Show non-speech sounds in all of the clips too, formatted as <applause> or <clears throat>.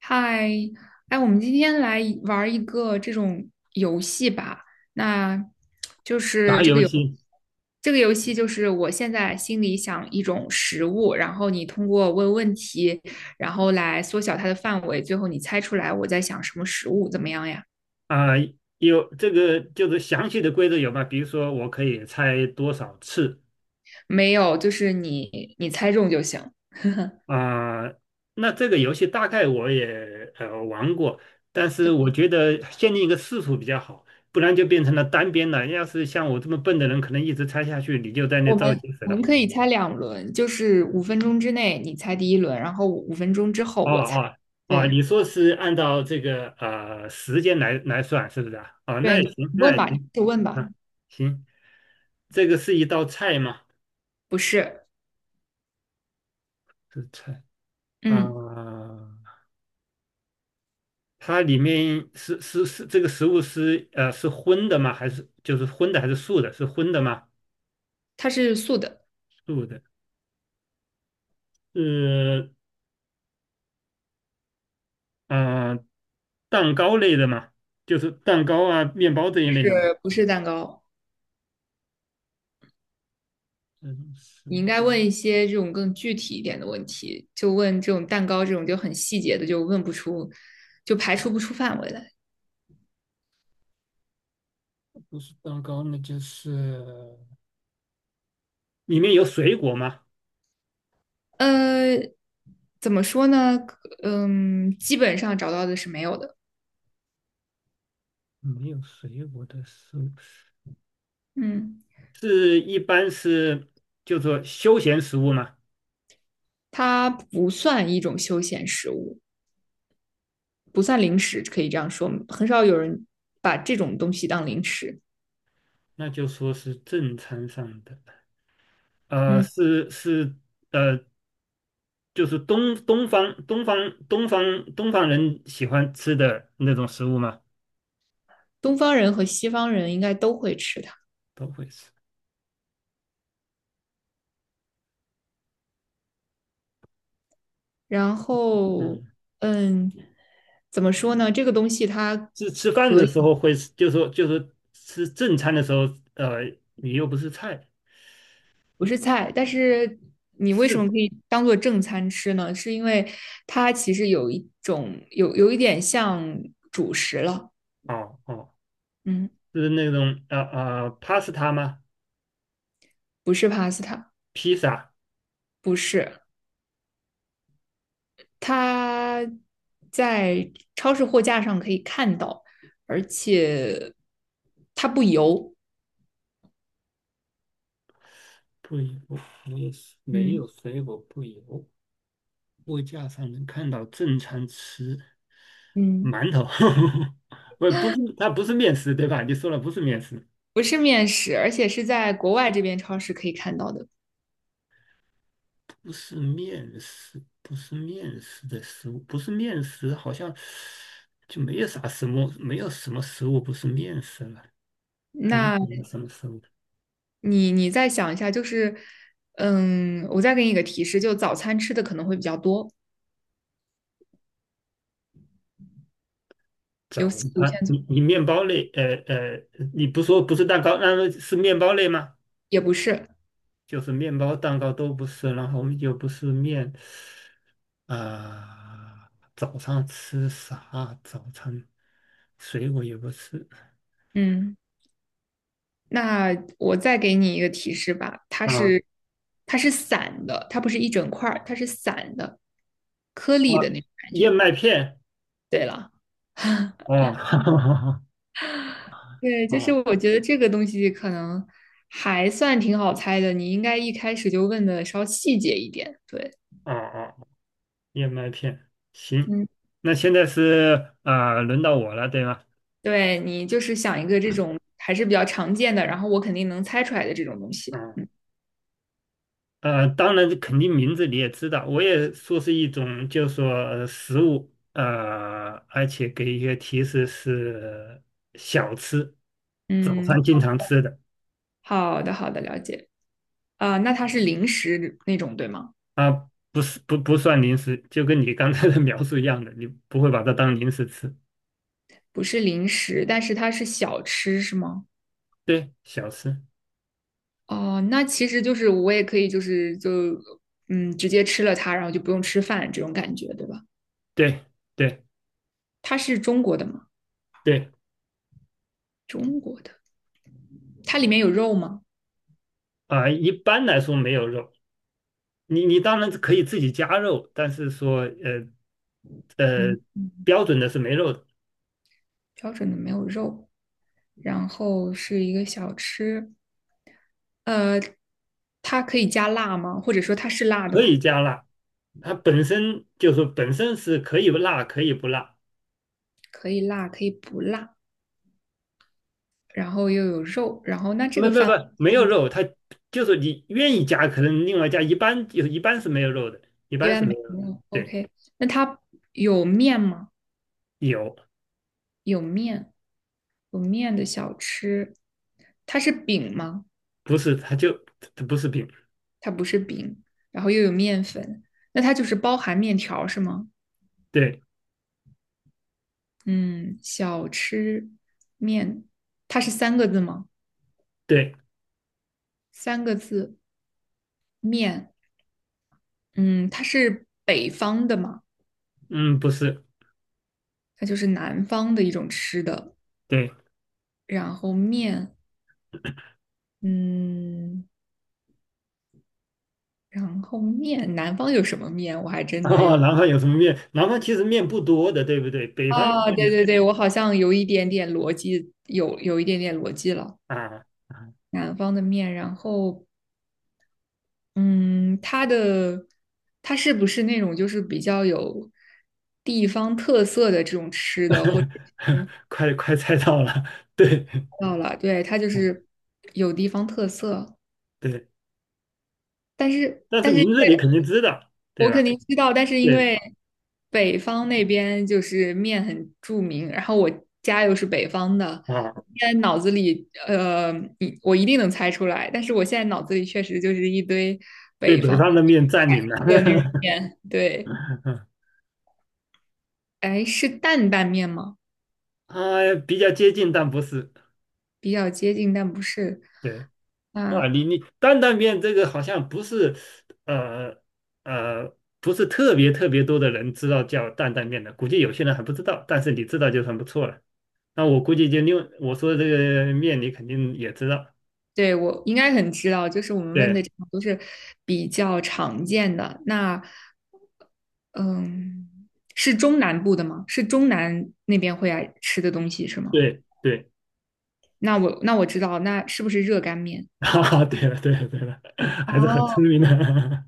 嗨，哎，我们今天来玩儿一个这种游戏吧。那就是打这个游游戏这个游戏就是我现在心里想一种食物，然后你通过问问题，然后来缩小它的范围，最后你猜出来我在想什么食物，怎么样呀？啊、有这个就是详细的规则有吗？比如说我可以猜多少次。没有，就是你猜中就行。啊、那这个游戏大概我也玩过，但是我对，觉得限定一个次数比较好，不然就变成了单边了。要是像我这么笨的人，可能一直猜下去，你就在那我们造句子我了。们可以猜2轮，就是五分钟之内你猜第1轮，然后五分钟之后哦我猜。哦哦，对你说是按照这个时间来算，是不是啊？哦，那对，也你行，那问也吧，你行。就问吧。啊，行，这个是一道菜吗？不是，是菜。啊，嗯，它里面是这个食物是是荤的吗？还是就是荤的还是素的？是荤的吗？它是素的，素的，是。嗯、呃蛋糕类的嘛，就是蛋糕啊、面包这一类的嘛。不是蛋糕。这种是你应该问一些这种更具体一点的问题，就问这种蛋糕这种就很细节的，就问不出，就排除不出范围来。不是蛋糕？那就是里面有水果吗？呃，怎么说呢？嗯，基本上找到的是没有的。没有水果的食物，嗯，是一般是就说休闲食物嘛，它不算一种休闲食物，不算零食，可以这样说，很少有人把这种东西当零食。那就说是正餐上的。嗯，是呃就是东方人喜欢吃的那种食物吗？东方人和西方人应该都会吃它。都会吃。然后，嗯，嗯，怎么说呢？这个东西它是吃饭可的时以候会吃就是说就是吃正餐的时候。呃，你又不是菜，不是菜，但是你为什是。么可以当做正餐吃呢？是因为它其实有一点像主食了。哦哦，嗯，是那种pasta 吗？不是 pasta,披萨不是，它在超市货架上可以看到，而且它不油。不油，没有没嗯有水果不油，货架上能看到正餐吃嗯，馒头。<laughs> 不是它不是面食对吧？你说了不是面食。不是面食，而且是在国外这边超市可以看到的。不是面食，不是面食的食物，不是面食，好像就没有啥什么，没有什么食物不是面食了，还能那有什么食物？你再想一下，就是，嗯，我再给你一个提示，就早餐吃的可能会比较多，早有有限餐，组，你面包类，你不说不是蛋糕，那么是面包类吗？也不是。就是面包、蛋糕都不是，然后又不是面。啊，早上吃啥？早餐水果也不吃。嗯，那我再给你一个提示吧，它啊是它是散的，它不是一整块儿，它是散的，颗啊，粒的那种感燕觉。麦片，对了，哦。<laughs> 对，就是啊。我觉得这个东西可能还算挺好猜的，你应该一开始就问的稍细节一点，对。哦哦，燕麦片，行。嗯，那现在是啊，轮到我了，对吗？对你就是想一个这种还是比较常见的，然后我肯定能猜出来的这种东西。嗯。嗯当然，肯定名字你也知道，我也说是一种，就是说食物。而且给一些提示是小吃，早嗯，餐经常吃的。好的好的，了解。啊、那它是零食那种对吗？啊，不是，不算零食，就跟你刚才的 <laughs> 描述一样的，你不会把它当零食吃，不是零食，但是它是小吃是吗？对，小吃。哦，那其实就是我也可以就是就嗯直接吃了它，然后就不用吃饭这种感觉对吧？对对它是中国的吗？对。中国，它里面有肉吗？啊，一般来说没有肉，你当然可以自己加肉，但是说呃，嗯，标准的是没肉的，标准的没有肉，然后是一个小吃。呃，它可以加辣吗？或者说它是辣的可吗？以加辣。它本身就是说本身是可以辣可以不辣。可以辣，可以不辣，然后又有肉，然后那这个饭没有肉，它就是你愿意加，可能另外加。一般是没有肉的，一一般是般没没有肉的。有。对。OK,那它有面吗？有。有面，有面的小吃，它是饼吗？不是它不是饼。它不是饼，然后又有面粉，那它就是包含面条是吗？对嗯，小吃面，它是三个字吗？对，三个字面，嗯，它是北方的吗？嗯，不是。它就是南方的一种吃的。对。<laughs> 然后面，嗯，然后面，南方有什么面？我还真的哦，有南方有什么面？南方其实面不多的，对不对？北方的啊，面。对对对，我好像有一点点逻辑，有一点点逻辑了。啊。南方的面，然后，嗯，它的它是不是那种就是比较有地方特色的这种吃的，或者 <laughs> 快快猜到了，<laughs> 对。到了，对，它就嗯，是有地方特色。对，但是但是但是因名字你为肯定知道，对我吧？肯定知道，但是因对为北方那边就是面很著名，然后我家又是北方的，啊，我现在脑子里我一定能猜出来，但是我现在脑子里确实就是一堆被北北方方的面占领了。的那种面，对，<laughs> 哎，是担担面吗？啊，比较接近，但不是。比较接近，但不是，对啊，啊，你担担面这个好像不是。呃不是特别特别多的人知道叫担担面的，估计有些人还不知道，但是你知道就很不错了。那我估计就另我说的这个面你肯定也知道。对，我应该很知道，就是我们问的对这种都是比较常见的。那，嗯，是中南部的吗？是中南那边会爱吃的东西是吗？对对。那我知道，那是不是热干面？啊，<laughs> 对了，对了，对了，还是很哦，聪明的。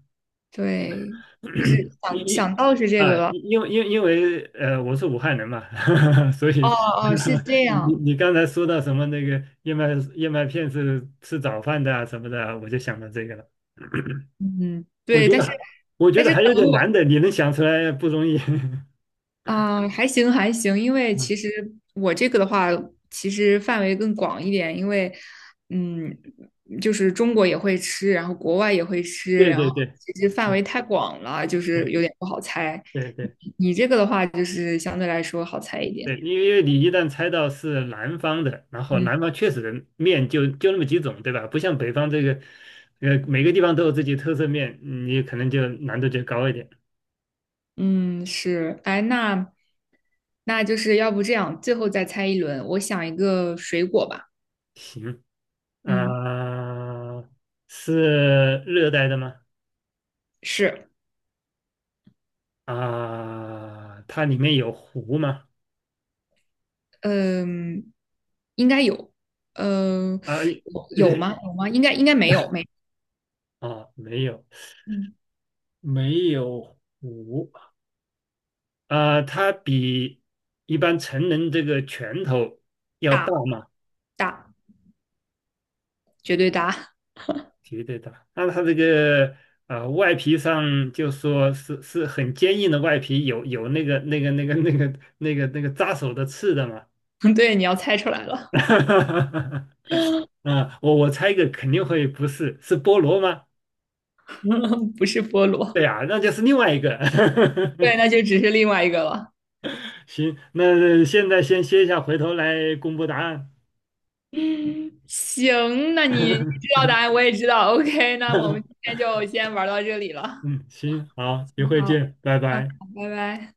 对，就是 <clears throat> 因因想到是这个了。因为我是武汉人嘛。<laughs> 所哦以 哦，是这 <laughs> 你样。你刚才说到什么那个燕麦片是吃早饭的啊什么的啊我就想到这个了。嗯，我对，觉但得是还我觉但得是还有可能点我。难的，你能想出来不容易。<laughs> 啊，还行还行，因为其嗯，实我这个的话，其实范围更广一点，因为嗯，就是中国也会吃，然后国外也会吃，对然对后对其实范围对太广了，就是对有点不好猜。对对。你这个的话，就是相对来说好猜一点。对，因为你一旦猜到是南方的，然后嗯南方确实的面就那么几种，对吧？不像北方这个。每个地方都有自己特色面，你可能就难度就高一点。嗯，是，哎，那那就是要不这样，最后再猜一轮，我想一个水果吧。行。嗯，啊，是热带的吗？是。啊，它里面有湖吗？嗯，应该有，嗯，啊。有有吗？<laughs> 有吗？应该应该没有，没，哦，没有，嗯，没有湖。啊，它比一般成人这个拳头要大吗？大，绝对大。绝对的，那它这个。啊，外皮上就说是很坚硬的外皮，有那个扎手的刺的嘛？<laughs> 对，你要猜出来 <laughs> 了，啊，我猜一个肯定会不是，是菠萝吗？<laughs> 不是菠萝。对呀，那就是另外一个。对，<laughs> 那就只是另外一个了。行，那现在先歇一下，回头来公布答案。嗯，行，那你你知道 <laughs> 答案，我也知道。OK,那我们今天就先玩到这里了。嗯，行，好，一会好，见，拜嗯，拜。好拜拜。